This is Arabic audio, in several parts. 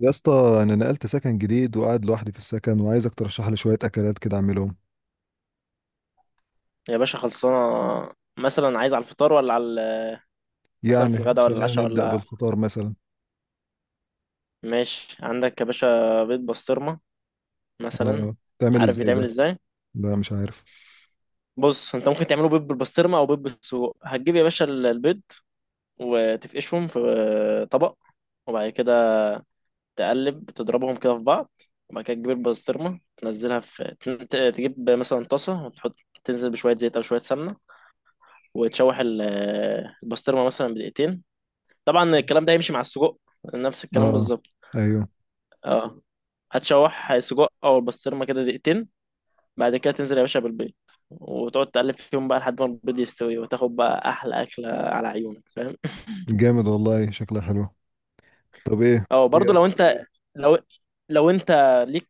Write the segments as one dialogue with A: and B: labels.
A: يا اسطى، انا نقلت سكن جديد وقاعد لوحدي في السكن وعايزك ترشح لي شويه اكلات كده اعملهم.
B: يا باشا خلصانة. مثلا عايز على الفطار، ولا على، مثلا في
A: يعني
B: الغداء، ولا
A: خلينا
B: العشاء،
A: نبدا
B: ولا...
A: بالفطار مثلا.
B: ماشي. عندك يا باشا بيض بسطرمة مثلا؟
A: اه، تعمل
B: عارف
A: ازاي
B: بيتعمل
A: ده؟
B: ازاي؟
A: لا مش عارف.
B: بص، انت ممكن تعمله بيض بالبسطرمة او بيض بالسجق. هتجيب يا باشا البيض وتفقشهم في طبق، وبعد كده تقلب تضربهم كده في بعض، وبعد كده تجيب البسطرمة تنزلها في تجيب مثلا طاسة وتحط، تنزل بشوية زيت أو شوية سمنة، وتشوح البسطرمة مثلا بدقيقتين. طبعا الكلام ده هيمشي مع السجق، نفس الكلام
A: اه،
B: بالظبط.
A: ايوه.
B: اه، هتشوح سجق او البسطرمه كده دقيقتين، بعد كده تنزل يا باشا بالبيض، وتقعد تقلب فيهم بقى لحد ما البيض يستوي، وتاخد بقى احلى اكله على عيونك. فاهم؟
A: جامد والله، شكلها حلو. طب ايه؟
B: اه، برضو لو
A: إيه؟
B: انت، لو لو انت ليك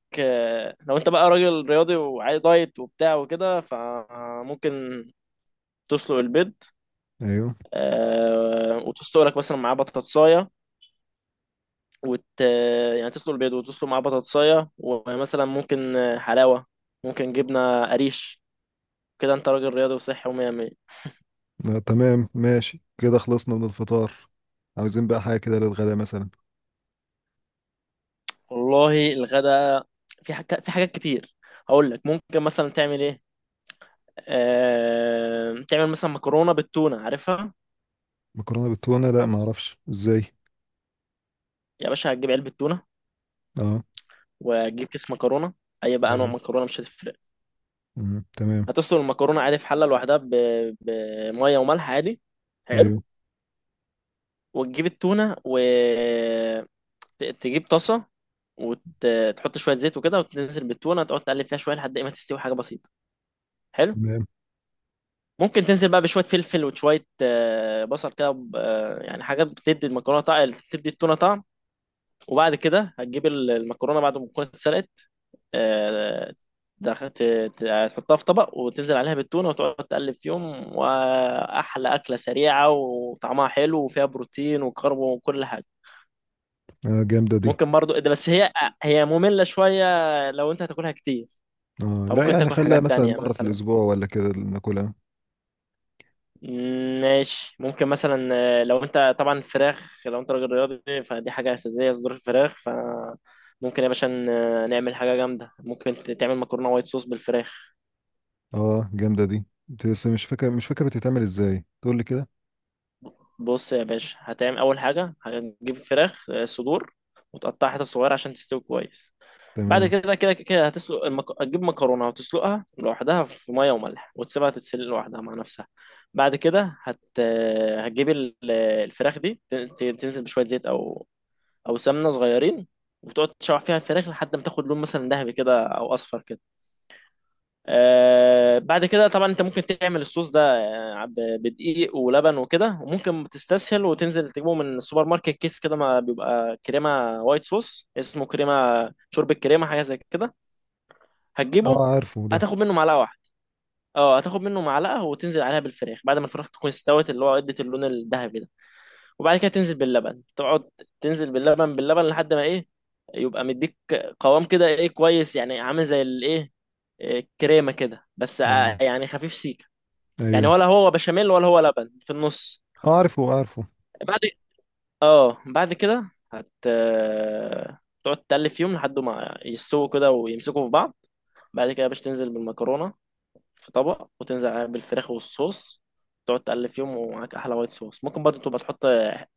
B: لو انت بقى راجل رياضي وعايز دايت وبتاع وكده، فممكن تسلق البيض،
A: ايوه.
B: وتسلق لك مثلا معاه بطاطسايه، وت يعني تسلق البيض وتسلق معاه بطاطسايه، ومثلا ممكن حلاوه، ممكن جبنه قريش، كده انت راجل رياضي وصحي ومية مية.
A: آه تمام، ماشي كده خلصنا من الفطار. عاوزين بقى حاجه كده للغدا مثلا.
B: والله الغدا، في حاجات كتير. هقول لك ممكن مثلا تعمل ايه. تعمل مثلا مكرونة بالتونة، عارفها؟
A: مكرونه بالتونه؟ لا، ما اعرفش ازاي.
B: يا باشا، هتجيب علبة تونة
A: اه.
B: وتجيب كيس مكرونة، اي بقى نوع
A: ايوه.
B: مكرونة مش هتفرق.
A: مم. تمام.
B: هتسلق المكرونة عادي في حلة لوحدها بمية وملح عادي. حلو.
A: ايوه.
B: وتجيب التونة وتجيب طاسة، وتحط شوية زيت وكده، وتنزل بالتونة تقعد تقلب فيها شوية لحد ايه ما تستوي، حاجة بسيطة. حلو.
A: تمام.
B: ممكن تنزل بقى بشويه فلفل وشويه بصل كده، يعني حاجات بتدي المكرونه طعم، بتدي التونه طعم. وبعد كده هتجيب المكرونه بعد ما تكون اتسلقت، آه، دخ- ت- هتحطها في طبق وتنزل عليها بالتونه، وتقعد تقلب فيهم، واحلى اكله سريعه وطعمها حلو وفيها بروتين وكرب وكل حاجه.
A: آه جامده دي.
B: ممكن برضو إيه ده، بس هي ممله شويه لو انت هتاكلها كتير،
A: اه لا،
B: فممكن
A: يعني
B: تاكل
A: خليها
B: حاجات
A: مثلا
B: تانية
A: مره في
B: مثلا.
A: الاسبوع ولا كده ناكلها.
B: ماشي. ممكن مثلا، لو انت طبعا فراخ، لو انت راجل رياضي فدي حاجة أساسية، صدور الفراخ. فممكن يا باشا نعمل حاجة جامدة، ممكن تعمل مكرونة وايت صوص بالفراخ.
A: اه جامدة دي، بس مش فاكر بتتعمل ازاي، تقول لي كده.
B: بص يا باشا، هتعمل أول حاجة، هتجيب فراخ، صدور، وتقطعها حتت صغيرة عشان تستوي كويس. بعد
A: تمام.
B: كده هتسلق هتجيب مكرونة وتسلقها لوحدها في مية وملح، وتسيبها تتسلق لوحدها مع نفسها. بعد كده هت... آه، هتجيب الفراخ دي، تنزل بشوية زيت أو او سمنه صغيرين، وتقعد تشوح فيها الفراخ لحد ما تاخد لون مثلا ذهبي كده او اصفر كده. آه، بعد كده طبعا انت ممكن تعمل الصوص ده بدقيق ولبن وكده، وممكن تستسهل وتنزل تجيبه من السوبر ماركت، كيس كده ما بيبقى كريمه وايت صوص، اسمه كريمه شوربه كريمه، حاجه زي كده. هتجيبه،
A: اه عارفه ده.
B: هتاخد منه معلقه واحده. اه، هتاخد منه معلقه وتنزل عليها بالفراخ بعد ما الفراخ تكون استوت، اللي هو ادت اللون الذهبي ده. وبعد كده تنزل باللبن، تقعد تنزل باللبن، لحد ما ايه، يبقى مديك قوام كده، ايه، كويس، يعني عامل زي الايه، إيه، آه، كريمه كده بس،
A: اه.
B: يعني خفيف سيكه، يعني
A: ايوه.
B: ولا هو بشاميل ولا هو لبن في النص.
A: اه، عارفه عارفه.
B: بعد، اه بعد كده هت آه، تقعد تقلب فيهم لحد ما يستووا كده ويمسكوا في بعض. بعد كده باش تنزل بالمكرونه في طبق، وتنزل عليه بالفراخ والصوص، تقعد تقلب فيهم ومعاك احلى وايت صوص. ممكن برضه تبقى تحط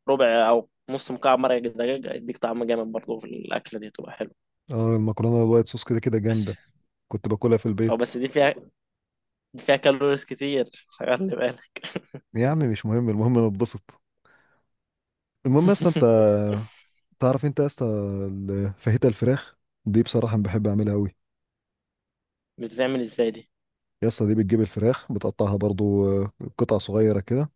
B: ربع او نص مكعب مرق دجاج، يديك طعم جامد برضه في الاكله دي، تبقى حلوه.
A: اه، المكرونة الوايت صوص كده كده
B: بس
A: جامدة. كنت باكلها في البيت.
B: بس دي فيها كالوريز كتير، خلي بالك.
A: يا عم مش مهم، المهم انا اتبسط. المهم يا اسطى، انت تعرف انت يا اسطى فاهيتا الفراخ دي، بصراحة أنا بحب اعملها قوي.
B: بتتعمل ازاي دي؟
A: يا اسطى، دي بتجيب الفراخ بتقطعها برضو، قطع صغيرة كده،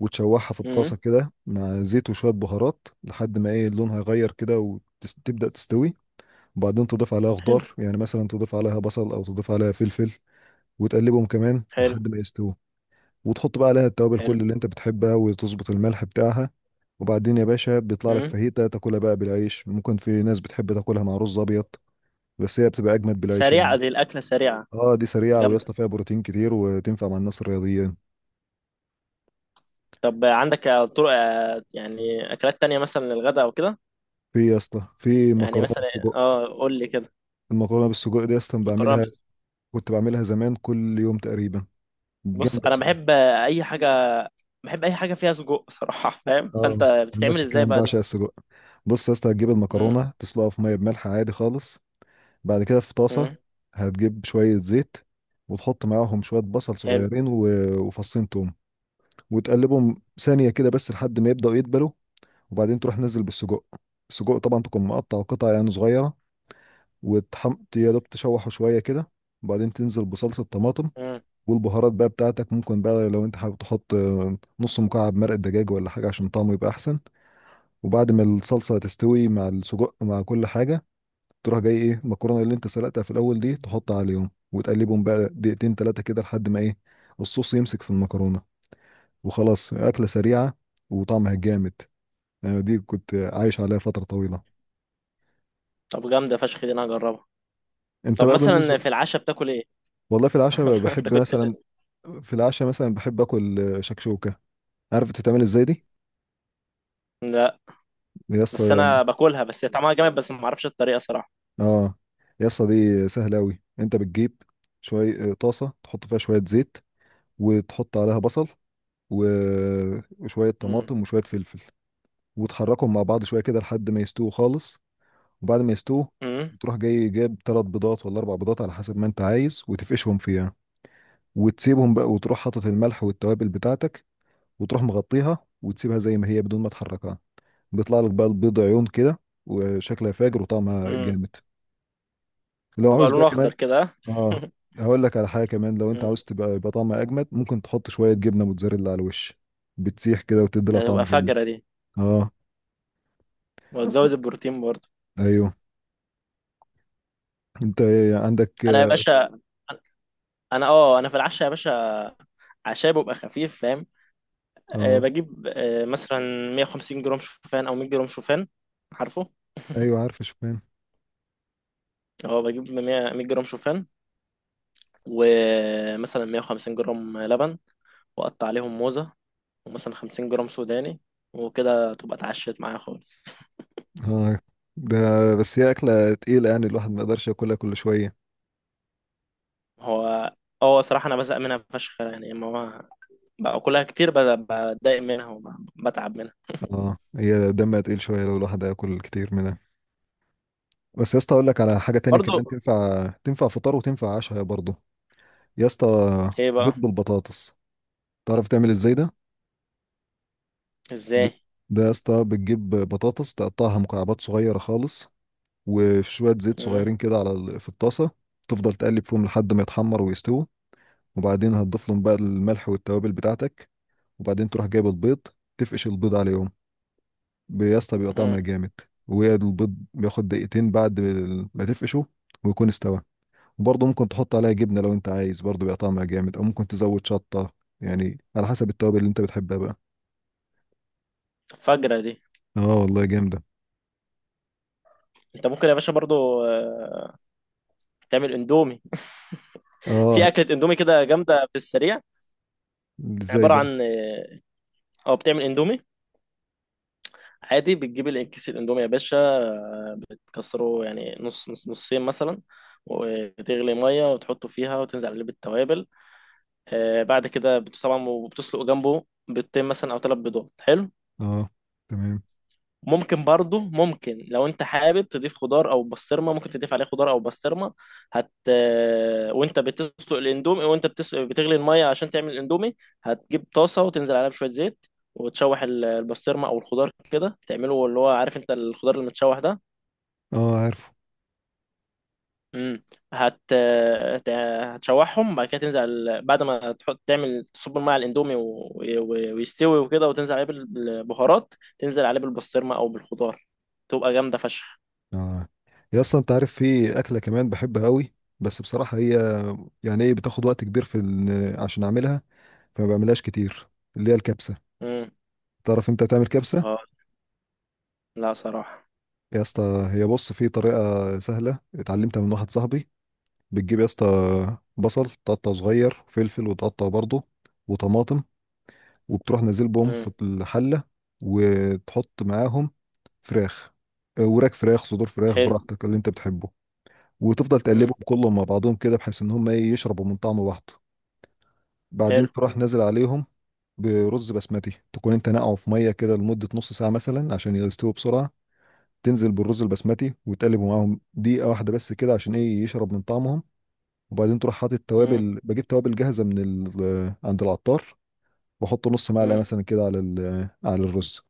A: وتشوحها في الطاسة
B: امم،
A: كده مع زيت وشوية بهارات لحد ما ايه، لونها يغير كده وتبدأ تستوي. وبعدين تضيف عليها
B: حلو،
A: خضار، يعني مثلا تضيف عليها بصل او تضيف عليها فلفل، وتقلبهم كمان
B: حلو،
A: لحد ما يستووا، وتحط بقى عليها التوابل
B: حلو،
A: كل اللي انت بتحبها وتظبط الملح بتاعها. وبعدين يا باشا بيطلع لك
B: امم.
A: فاهيتا تاكلها بقى بالعيش، ممكن في ناس بتحب تاكلها مع رز ابيض، بس هي بتبقى اجمد بالعيش يعني.
B: سريعه دي الاكله، سريعه.
A: اه دي سريعه، ويا
B: جامده.
A: اسطى فيها بروتين كتير وتنفع مع الناس الرياضيين.
B: طب عندك طرق، يعني اكلات تانية مثلا للغدا او كده؟
A: في يا اسطى، في
B: يعني
A: مكرونه
B: مثلا،
A: بالسجق.
B: اه قول لي كده.
A: المكرونه بالسجق دي اصلا
B: مكرونه.
A: بعملها، كنت بعملها زمان كل يوم تقريبا،
B: بص،
A: جامده
B: انا بحب
A: بصراحه.
B: اي حاجه، بحب اي حاجه فيها سجق صراحه. فاهم؟
A: اه،
B: فانت بتتعمل
A: نفس
B: ازاي
A: الكلام بقى
B: بقى دي؟
A: عشان السجق. بص يا اسطى، هتجيب
B: امم،
A: المكرونه تسلقها في ميه بملح عادي خالص. بعد كده في طاسه
B: امم،
A: هتجيب شويه زيت، وتحط معاهم شويه بصل
B: حلو،
A: صغيرين و- وفصين توم، وتقلبهم ثانيه كده بس لحد ما يبداوا يدبلوا. وبعدين تروح نزل بالسجق. السجق طبعا تكون مقطع قطع يعني صغيره، وتحم يا دوب تشوحه شويه كده، وبعدين تنزل بصلصه طماطم
B: امم.
A: والبهارات بقى بتاعتك. ممكن بقى لو انت حابب تحط نص مكعب مرق دجاج ولا حاجه عشان طعمه يبقى احسن. وبعد ما الصلصة تستوي مع السجق مع كل حاجة، تروح جاي ايه، المكرونة اللي انت سلقتها في الأول دي تحطها عليهم وتقلبهم بقى دقيقتين تلاتة كده لحد ما ايه، الصوص يمسك في المكرونة. وخلاص، أكلة سريعة وطعمها جامد، يعني دي كنت عايش عليها فترة طويلة.
B: طب جامده فشخ دي، انا هجربها.
A: انت
B: طب
A: بقى بالنسبة.
B: مثلا في العشاء بتاكل ايه؟
A: والله في العشاء بقى
B: انت
A: بحب
B: كنت.
A: مثلا، في العشاء مثلا بحب اكل شكشوكة. عارف بتتعمل ازاي دي؟
B: لا،
A: يا
B: بس
A: اسطى،
B: انا باكلها، بس هي طعمها جامد، بس ما اعرفش الطريقه صراحه.
A: اه. يا اسطى، دي سهلة أوي. انت بتجيب شوية، طاسة تحط فيها شوية زيت، وتحط عليها بصل و- وشوية
B: امم،
A: طماطم وشوية فلفل، وتحركهم مع بعض شوية كده لحد ما يستووا خالص. وبعد ما يستووا،
B: امم،
A: تروح جاي جايب ثلاث بيضات ولا اربع بيضات على حسب ما انت عايز، وتفقشهم فيها وتسيبهم بقى، وتروح حاطط الملح والتوابل بتاعتك، وتروح مغطيها وتسيبها زي ما هي بدون ما تحركها. بيطلع لك بقى البيض عيون كده، وشكلها فاجر وطعمها
B: امم.
A: جامد. لو
B: بيبقى
A: عاوز بقى
B: لونه
A: كمان،
B: اخضر كده، ها؟
A: اه، هقول لك على حاجة كمان. لو انت
B: مم.
A: عاوز تبقى يبقى طعمها اجمد، ممكن تحط شوية جبنة موتزاريلا على الوش، بتسيح كده وتدي لها
B: ده
A: طعم
B: تبقى
A: جامد.
B: فجره دي.
A: اه.
B: وتزود البروتين برضه.
A: ايوه. انت عندك؟
B: انا يا باشا، انا في العشاء يا باشا، عشاء بيبقى خفيف، فاهم؟ أه
A: اه،
B: بجيب أه مثلا 150 جرام شوفان، او 100 جرام شوفان، عارفه؟
A: ايوه عارف شوفان.
B: اه، بجيب 100 جرام شوفان، ومثلا 150 جرام لبن، واقطع عليهم موزة، ومثلا 50 جرام سوداني، وكده تبقى اتعشت معايا خالص.
A: اه. ده بس هي اكله تقيله، يعني الواحد ما يقدرش ياكلها كل شويه.
B: هو، اه صراحة انا بزهق منها فشخ يعني، اما هو باكلها كتير بتضايق منها وبتعب منها.
A: اه هي دمها تقيل شويه لو الواحد ياكل كتير منها. بس يا اسطى اقول لك على حاجه تاني
B: برضو.
A: كمان، تنفع فطار وتنفع عشاء برضه. يا اسطى،
B: ايه
A: بيض
B: بقى.
A: بالبطاطس. تعرف تعمل ازاي ده؟ ب-
B: ازاي؟
A: ده يا اسطى بتجيب بطاطس تقطعها مكعبات صغيره خالص، وشويه زيت
B: مم،
A: صغيرين كده على في الطاسه، تفضل تقلب فيهم لحد ما يتحمر ويستوي. وبعدين هتضيف لهم بقى الملح والتوابل بتاعتك، وبعدين تروح جايب البيض تفقش البيض عليهم. يا اسطى بيبقى طعمها
B: مم.
A: جامد. والبيض بياخد دقيقتين بعد ما تفقشه ويكون استوى. وبرضه ممكن تحط عليها جبنة لو انت عايز، برضه بيبقى طعمها جامد، او ممكن تزود شطة، يعني على حسب التوابل اللي انت بتحبها بقى.
B: فجرة دي.
A: اه والله جامدة.
B: انت ممكن يا باشا برضو تعمل اندومي، في
A: اه.
B: اكله اندومي كده جامده في السريع.
A: ازاي
B: عباره
A: بقى؟
B: عن، اه بتعمل اندومي عادي، بتجيب كيس الاندومي يا باشا، بتكسره يعني نص، نصين مثلا، وتغلي ميه وتحطه فيها وتنزل عليه بالتوابل. بعد كده طبعا، وبتسلق جنبه بيضتين مثلا او ثلاث بيضات. حلو.
A: اه. تمام.
B: ممكن برضو، ممكن لو انت حابب تضيف خضار او بسطرمه، ممكن تضيف عليه خضار او بسطرمه. هت آه، وانت بتسلق الاندومي، وانت بتغلي الميه عشان تعمل الاندومي، هتجيب طاسه وتنزل عليها بشويه زيت، وتشوح البسطرمه او الخضار كده، تعمله اللي هو عارف انت الخضار المتشوح ده.
A: اه عارفه.
B: امم. هتشوحهم، بعد كده تنزل بعد ما تحط تعمل تصب الميه على الاندومي، ويستوي وكده، وتنزل عليه بالبهارات، تنزل عليه بالبسطرمه او بالخضار، تبقى جامده فشخ.
A: اه يا اسطى، انت عارف في اكلة كمان بحبها قوي، بس بصراحة هي يعني ايه، بتاخد وقت كبير في عشان اعملها، فما بعملهاش كتير، اللي هي الكبسة.
B: مم.
A: تعرف انت تعمل كبسة؟
B: اه، لا صراحة.
A: يا اسطى هي بص، في طريقة سهلة اتعلمتها من واحد صاحبي. بتجيب يا اسطى، بصل تقطعه صغير، وفلفل وتقطعه برضه، وطماطم، وبتروح نازل بهم
B: امم،
A: في الحلة، وتحط معاهم فراخ، وراك فراخ، صدور فراخ،
B: حلو،
A: براحتك اللي انت بتحبه. وتفضل
B: امم،
A: تقلبهم كلهم مع بعضهم كده بحيث ان هم ايه، يشربوا من طعم بعض.
B: حلو،
A: بعدين تروح نازل عليهم برز بسمتي، تكون انت نقعه في ميه كده لمده نص ساعه مثلا عشان يستووا بسرعه. تنزل بالرز البسمتي وتقلب معاهم دقيقه واحده بس كده عشان ايه، يشرب من طعمهم. وبعدين تروح حاطط
B: امم،
A: توابل، بجيب توابل جاهزه من عند العطار، بحط نص معلقه
B: امم،
A: مثلا كده على على الرز،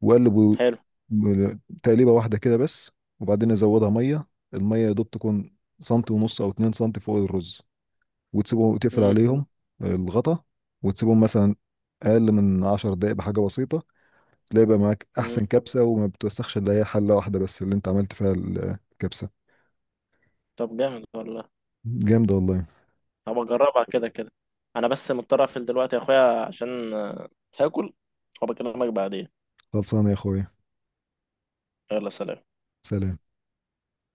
A: واقلب
B: حلو،
A: تقليبه واحده كده بس. وبعدين ازودها ميه، الميه يا دوب تكون سنتي ونص او اتنين سنتي فوق الرز، وتسيبهم تقفل
B: امم،
A: عليهم، الغطا. وتسيبهم مثلا اقل من 10 دقائق بحاجه بسيطه، تلاقي بقى معاك
B: امم.
A: احسن كبسه، وما بتوسخش الا هي حله واحده بس اللي انت عملت فيها الكبسه.
B: طب جامد والله،
A: جامده والله.
B: هبقى اجربها كده كده. انا بس مضطر اقفل دلوقتي يا اخويا عشان هاكل وبكلمك بعدين.
A: خلصانه يا اخويا.
B: يلا، سلام.
A: سلام.